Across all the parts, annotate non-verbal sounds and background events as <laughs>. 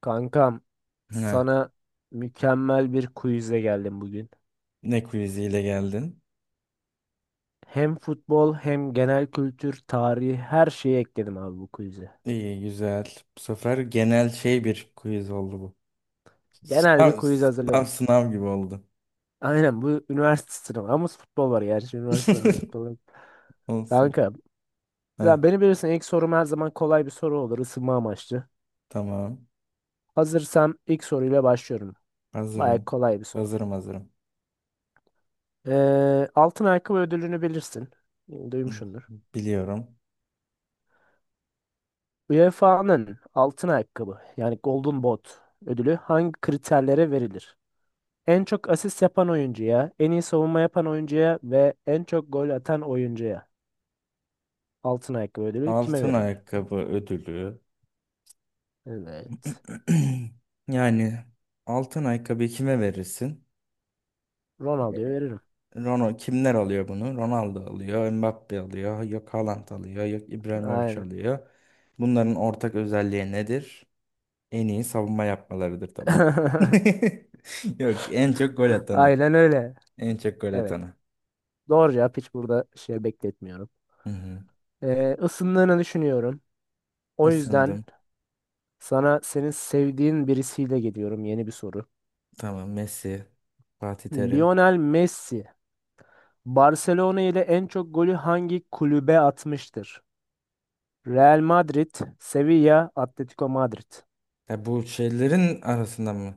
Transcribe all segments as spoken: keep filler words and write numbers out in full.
Kankam, Ne? sana mükemmel bir quizle geldim bugün. Ne quiziyle geldin? Hem futbol hem genel kültür, tarihi her şeyi ekledim abi bu quiz'e. İyi, güzel. Bu sefer genel şey bir quiz oldu bu. Genel bir Sınav, quiz sınav, hazırladım. sınav gibi oldu. Aynen bu üniversite sınavı ama futbol var gerçi üniversite sınavı <laughs> futbol. Yok. Olsun. Kanka, Heh, ya beni bilirsin ilk sorum her zaman kolay bir soru olur ısınma amaçlı. tamam. Hazırsam ilk soruyla başlıyorum. Baya Hazırım. kolay bir soru. Hazırım, hazırım. Ee, altın ayakkabı ödülünü bilirsin. Duymuşsundur. Biliyorum. U E F A'nın altın ayakkabı yani Golden Boot ödülü hangi kriterlere verilir? En çok asist yapan oyuncuya, en iyi savunma yapan oyuncuya ve en çok gol atan oyuncuya altın ayakkabı ödülü kime Altın verilir? ayakkabı ödülü. <clears throat> Evet. Yani altın ayakkabı kime verirsin? Ronaldo'ya veririm. Ronaldo kimler alıyor bunu? Ronaldo alıyor, Mbappe alıyor, yok Haaland alıyor, yok İbrahimovic Aynen. alıyor. Bunların ortak özelliği nedir? En iyi savunma yapmalarıdır tabii ki. <laughs> <laughs> Yok, en çok gol atanı. Aynen öyle. En çok gol Evet. atanı. Doğru cevap hiç burada şey bekletmiyorum. Hı hı. Ee, ısındığını düşünüyorum. O yüzden Isındım. sana senin sevdiğin birisiyle geliyorum yeni bir soru. Tamam, Messi, Fatih Terim. Lionel Messi Barcelona ile en çok golü hangi kulübe atmıştır? Real Madrid, Sevilla, Atletico Madrid. Ya bu şeylerin arasında mı?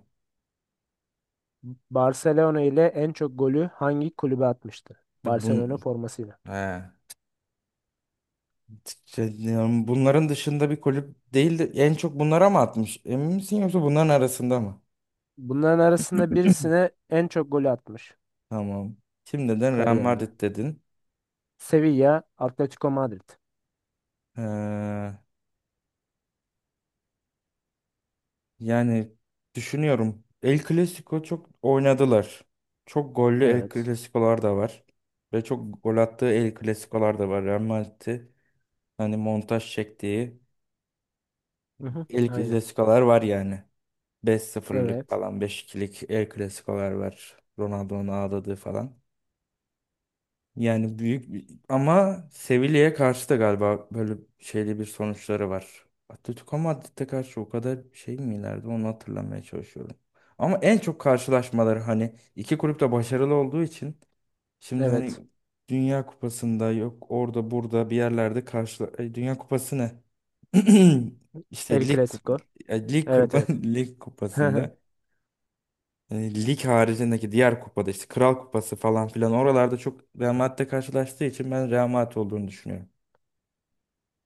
Barcelona ile en çok golü hangi kulübe atmıştır? Ya Barcelona Bun formasıyla. ha. Şey, yani bunların dışında bir kulüp değil de en çok bunlara mı atmış? Emin misin yoksa bunların arasında mı? Bunların arasında <clears throat> birisine en çok golü atmış Tamam. Şimdiden Real kariyerinde. Madrid dedin. Sevilla, Atletico Madrid. Ee, Yani düşünüyorum. El Clasico çok oynadılar. Çok gollü El Evet. Clasico'lar da var. Ve çok gol attığı El Clasico'lar da var. Real Madrid'i hani montaj çektiği Hı hı, El aynen. Clasico'lar var yani. beş sıfırlık Evet. falan beş ikilik El Clasico'lar var. Ronaldo'nun ağladığı falan. Yani büyük ama Sevilla'ya karşı da galiba böyle şeyli bir sonuçları var. Atletico Madrid'e karşı o kadar şey mi ileride onu hatırlamaya çalışıyorum. Ama en çok karşılaşmaları hani iki kulüp de başarılı olduğu için şimdi Evet. hani Dünya Kupası'nda yok orada burada bir yerlerde karşı Ay, Dünya Kupası ne? <clears throat> El İşte Lig Kupa- Clasico. e, Lig Evet, evet. Kupa- <laughs> Lig <laughs> Kupası'nda e, lig haricindeki diğer kupada işte Kral Kupası falan filan oralarda çok Real Madrid'le karşılaştığı için ben Real Madrid olduğunu düşünüyorum.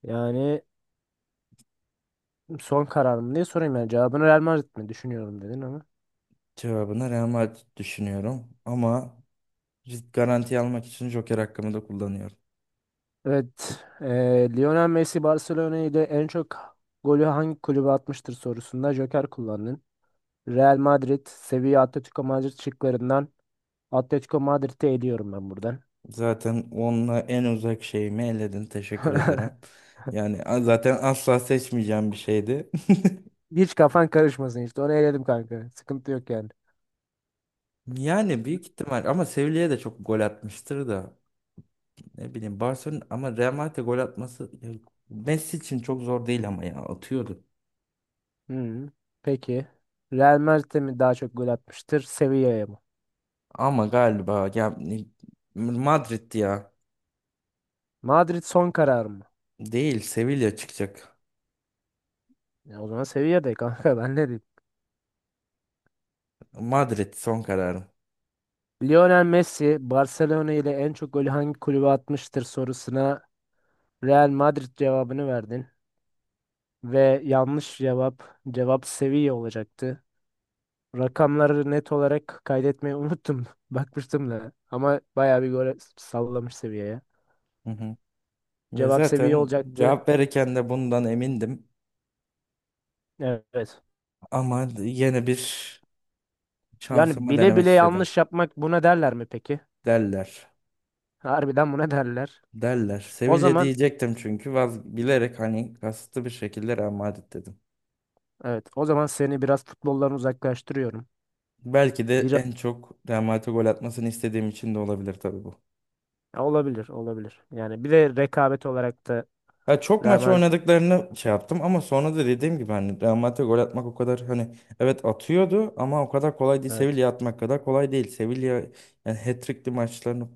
Yani son kararım diye sorayım yani cevabını Real Madrid mi düşünüyorum dedin ama. Cevabına Real Madrid düşünüyorum ama risk garanti almak için Joker hakkımı da kullanıyorum. Evet, eee, Lionel Messi Barcelona ile en çok golü hangi kulübe atmıştır sorusunda Joker kullandın. Real Madrid, Sevilla, Atletico Madrid şıklarından Atletico Madrid'i eliyorum ben buradan. Zaten onunla en uzak şeyimi eledin. Teşekkür ederim. <laughs> Yani a- zaten asla seçmeyeceğim bir şeydi. <laughs> Hiç kafan karışmasın işte. Onu eledim kanka. Sıkıntı yok yani. Yani büyük ihtimal ama Sevilla'ya da çok gol atmıştır da ne bileyim Barcelona ama Real Madrid'e gol atması ya Messi için çok zor değil ama ya atıyordu. Hmm, peki. Real Madrid'e mi daha çok gol atmıştır? Sevilla'ya mı? Ama galiba ya Madrid ya. Madrid son karar mı? Değil Sevilla çıkacak. Ya o zaman Sevilla'da kanka ben ne diyeyim? Madrid son kararım. Lionel Messi Barcelona ile en çok golü hangi kulübe atmıştır sorusuna Real Madrid cevabını verdin ve yanlış cevap cevap seviye olacaktı. Rakamları net olarak kaydetmeyi unuttum. <laughs> Bakmıştım da ama bayağı bir gol sallamış seviyeye. Hı hı. Ya Cevap seviye zaten olacaktı. cevap verirken de bundan emindim. Evet. Ama yine bir Yani şansımı bile denemek bile istedim. yanlış yapmak buna derler mi peki? Derler. Harbiden buna derler. Derler. O Sevilla zaman diyecektim çünkü vaz bilerek hani kasıtlı bir şekilde Real Madrid dedim. evet o zaman seni biraz futboldan uzaklaştırıyorum. Belki de Biraz en çok Real Madrid'e gol atmasını istediğim için de olabilir tabii bu. olabilir olabilir. Yani bir de rekabet olarak da Ha, çok Real maç Madrid oynadıklarını şey yaptım ama sonra da dediğim gibi hani Real Madrid'e gol atmak o kadar hani evet atıyordu ama o kadar kolay değil. evet. Sevilla atmak kadar kolay değil. Sevilla yani hat-trick'li maçlarını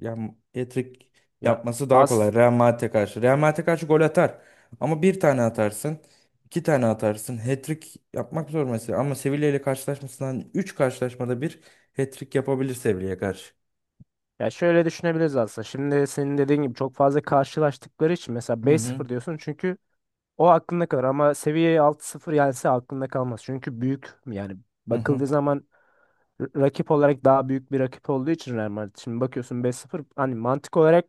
yani hat-trick Ya yapması daha kolay az. Real Madrid'e karşı. Real Madrid'e karşı gol atar ama bir tane atarsın, iki tane atarsın. Hat-trick yapmak zor mesela ama Sevilla ile karşılaşmasından üç karşılaşmada bir hat-trick yapabilir Sevilla'ya karşı. Ya şöyle düşünebiliriz aslında. Şimdi senin dediğin gibi çok fazla karşılaştıkları için mesela Hı beş hı. sıfır diyorsun çünkü o aklında kalır ama seviyeyi altı sıfır yense aklında kalmaz. Çünkü büyük yani Hı hı. bakıldığı zaman r- rakip olarak daha büyük bir rakip olduğu için Real Madrid. Şimdi bakıyorsun beş sıfır hani mantık olarak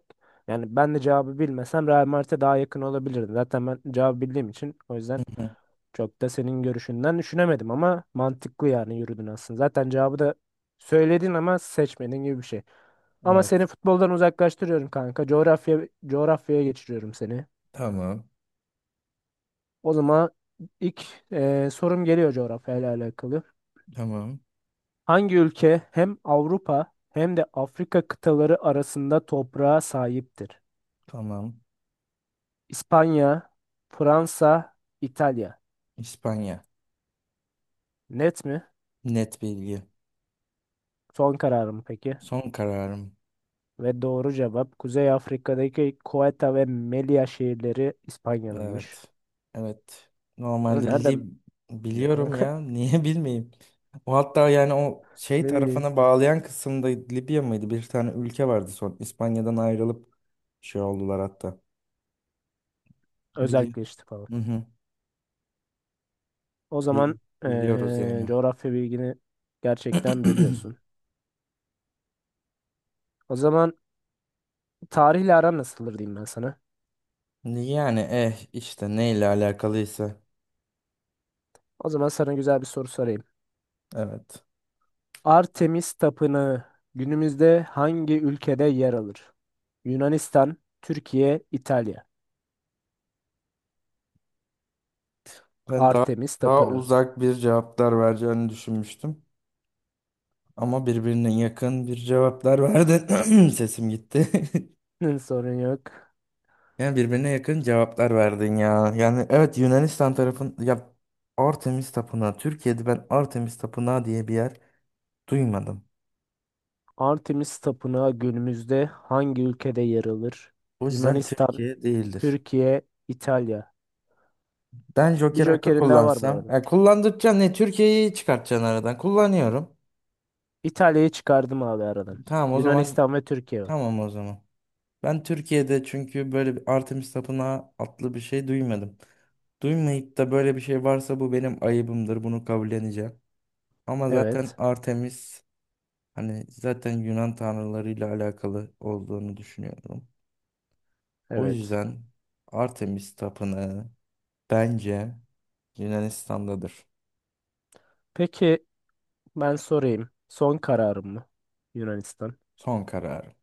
yani ben de cevabı bilmesem Real Madrid'e daha yakın olabilirdim. Zaten ben cevabı bildiğim için o Hı yüzden hı. çok da senin görüşünden düşünemedim ama mantıklı yani yürüdün aslında. Zaten cevabı da söyledin ama seçmedin gibi bir şey. Ama seni Evet. futboldan uzaklaştırıyorum kanka. Coğrafya coğrafyaya geçiriyorum seni. Tamam. O zaman ilk e, sorum geliyor coğrafyayla alakalı. Tamam. Hangi ülke hem Avrupa hem de Afrika kıtaları arasında toprağa sahiptir? Tamam. İspanya, Fransa, İtalya. İspanya. Net mi? Net bilgi. Son kararım peki. Son kararım. Ve doğru cevap Kuzey Afrika'daki Ceuta ve Melilla şehirleri İspanya'nınmış. Evet. Evet. Bunu Normalde nereden Lib biliyorsun biliyorum kanka? ya. <laughs> Niye bilmeyeyim? O hatta yani o <laughs> şey Ne bileyim. tarafına bağlayan kısımda Libya mıydı? Bir tane ülke vardı son. İspanya'dan ayrılıp şey oldular hatta. Biliyor. Özelleşti falan. Hı hı. O Bil- zaman biliyoruz eee, yani. coğrafya bilgini gerçekten <clears throat> biliyorsun. O zaman tarihle aran nasıldır diyeyim ben sana. Yani eh işte neyle alakalıysa. O zaman sana güzel bir soru sorayım. Evet. Artemis Tapınağı günümüzde hangi ülkede yer alır? Yunanistan, Türkiye, İtalya. Ben daha Artemis daha Tapınağı. uzak bir cevaplar vereceğini düşünmüştüm. Ama birbirine yakın bir cevaplar verdin. <clears throat> Sesim gitti. <laughs> <laughs> Hı, sorun yok. Yani birbirine yakın cevaplar verdin ya. Yani evet Yunanistan tarafın ya Artemis Tapınağı. Türkiye'de ben Artemis Tapınağı diye bir yer duymadım. Artemis Tapınağı günümüzde hangi ülkede yer alır? O yüzden Yunanistan, Türkiye değildir. Türkiye, İtalya. Ben Bir Joker hakkı jokerin daha var bu kullansam. arada. Ya kullandıkça ne Türkiye'yi çıkartacaksın aradan. Kullanıyorum. İtalya'yı çıkardım abi aradan. Tamam o zaman. Yunanistan ve Türkiye var. Tamam o zaman. Ben Türkiye'de çünkü böyle bir Artemis Tapınağı adlı bir şey duymadım. Duymayıp da böyle bir şey varsa bu benim ayıbımdır. Bunu kabulleneceğim. Ama zaten Evet, Artemis hani zaten Yunan tanrılarıyla alakalı olduğunu düşünüyorum. O evet. yüzden Artemis tapınağı bence Yunanistan'dadır. Peki ben sorayım. Son kararım mı? Yunanistan. Son kararım.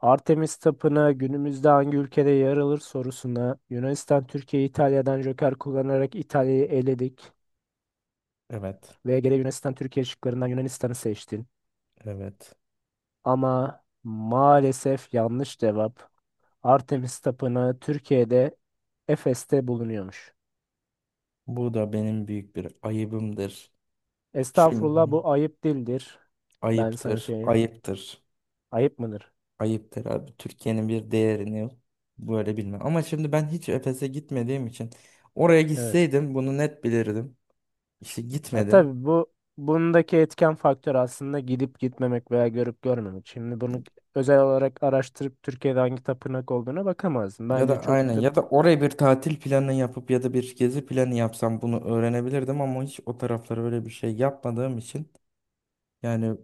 Artemis Tapınağı günümüzde hangi ülkede yer alır sorusuna Yunanistan Türkiye'yi İtalya'dan joker kullanarak İtalya'yı eledik Evet, ve gene Yunanistan Türkiye şıklarından Yunanistan'ı seçtin. evet. Ama maalesef yanlış cevap. Artemis Tapınağı Türkiye'de Efes'te bulunuyormuş. Bu da benim büyük bir ayıbımdır. Çünkü Estağfurullah bu ayıp değildir. Ben sana ayıptır, söyleyeyim. ayıptır. Ayıp mıdır? Ayıptır abi. Türkiye'nin bir değerini böyle bilmem. Ama şimdi ben hiç Efes'e gitmediğim için oraya Evet. gitseydim bunu net bilirdim. İşte Ya gitmedim. tabii bu bundaki etken faktör aslında gidip gitmemek veya görüp görmemek. Şimdi bunu özel olarak araştırıp Türkiye'de hangi tapınak olduğuna bakamazsın. Ya Bence da aynen çok da ya da oraya bir tatil planı yapıp ya da bir gezi planı yapsam bunu öğrenebilirdim ama hiç o taraflara öyle bir şey yapmadığım için yani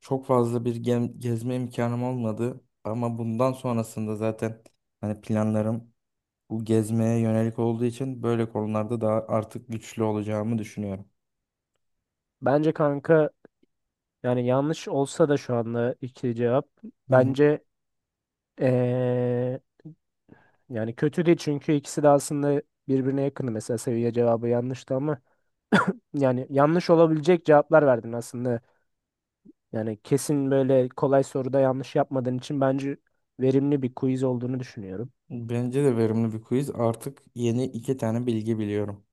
çok fazla bir gem- gezme imkanım olmadı ama bundan sonrasında zaten hani planlarım bu gezmeye yönelik olduğu için böyle konularda daha artık güçlü olacağımı düşünüyorum. bence kanka yani yanlış olsa da şu anda iki cevap Hı hı. bence eee, yani kötü değil çünkü ikisi de aslında birbirine yakın. Mesela seviye cevabı yanlıştı ama yani yanlış olabilecek cevaplar verdin aslında. Yani kesin böyle kolay soruda yanlış yapmadığın için bence verimli bir quiz olduğunu düşünüyorum. Bence de verimli bir quiz. Artık yeni iki tane bilgi biliyorum.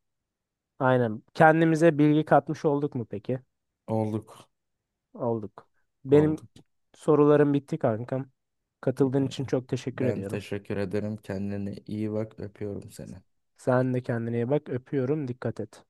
Aynen. Kendimize bilgi katmış olduk mu peki? Olduk. Olduk. Benim Olduk. sorularım bitti kankam. Katıldığın Ee, için çok teşekkür Ben ediyorum. teşekkür ederim. Kendine iyi bak. Öpüyorum seni. Sen de kendine iyi bak. Öpüyorum. Dikkat et.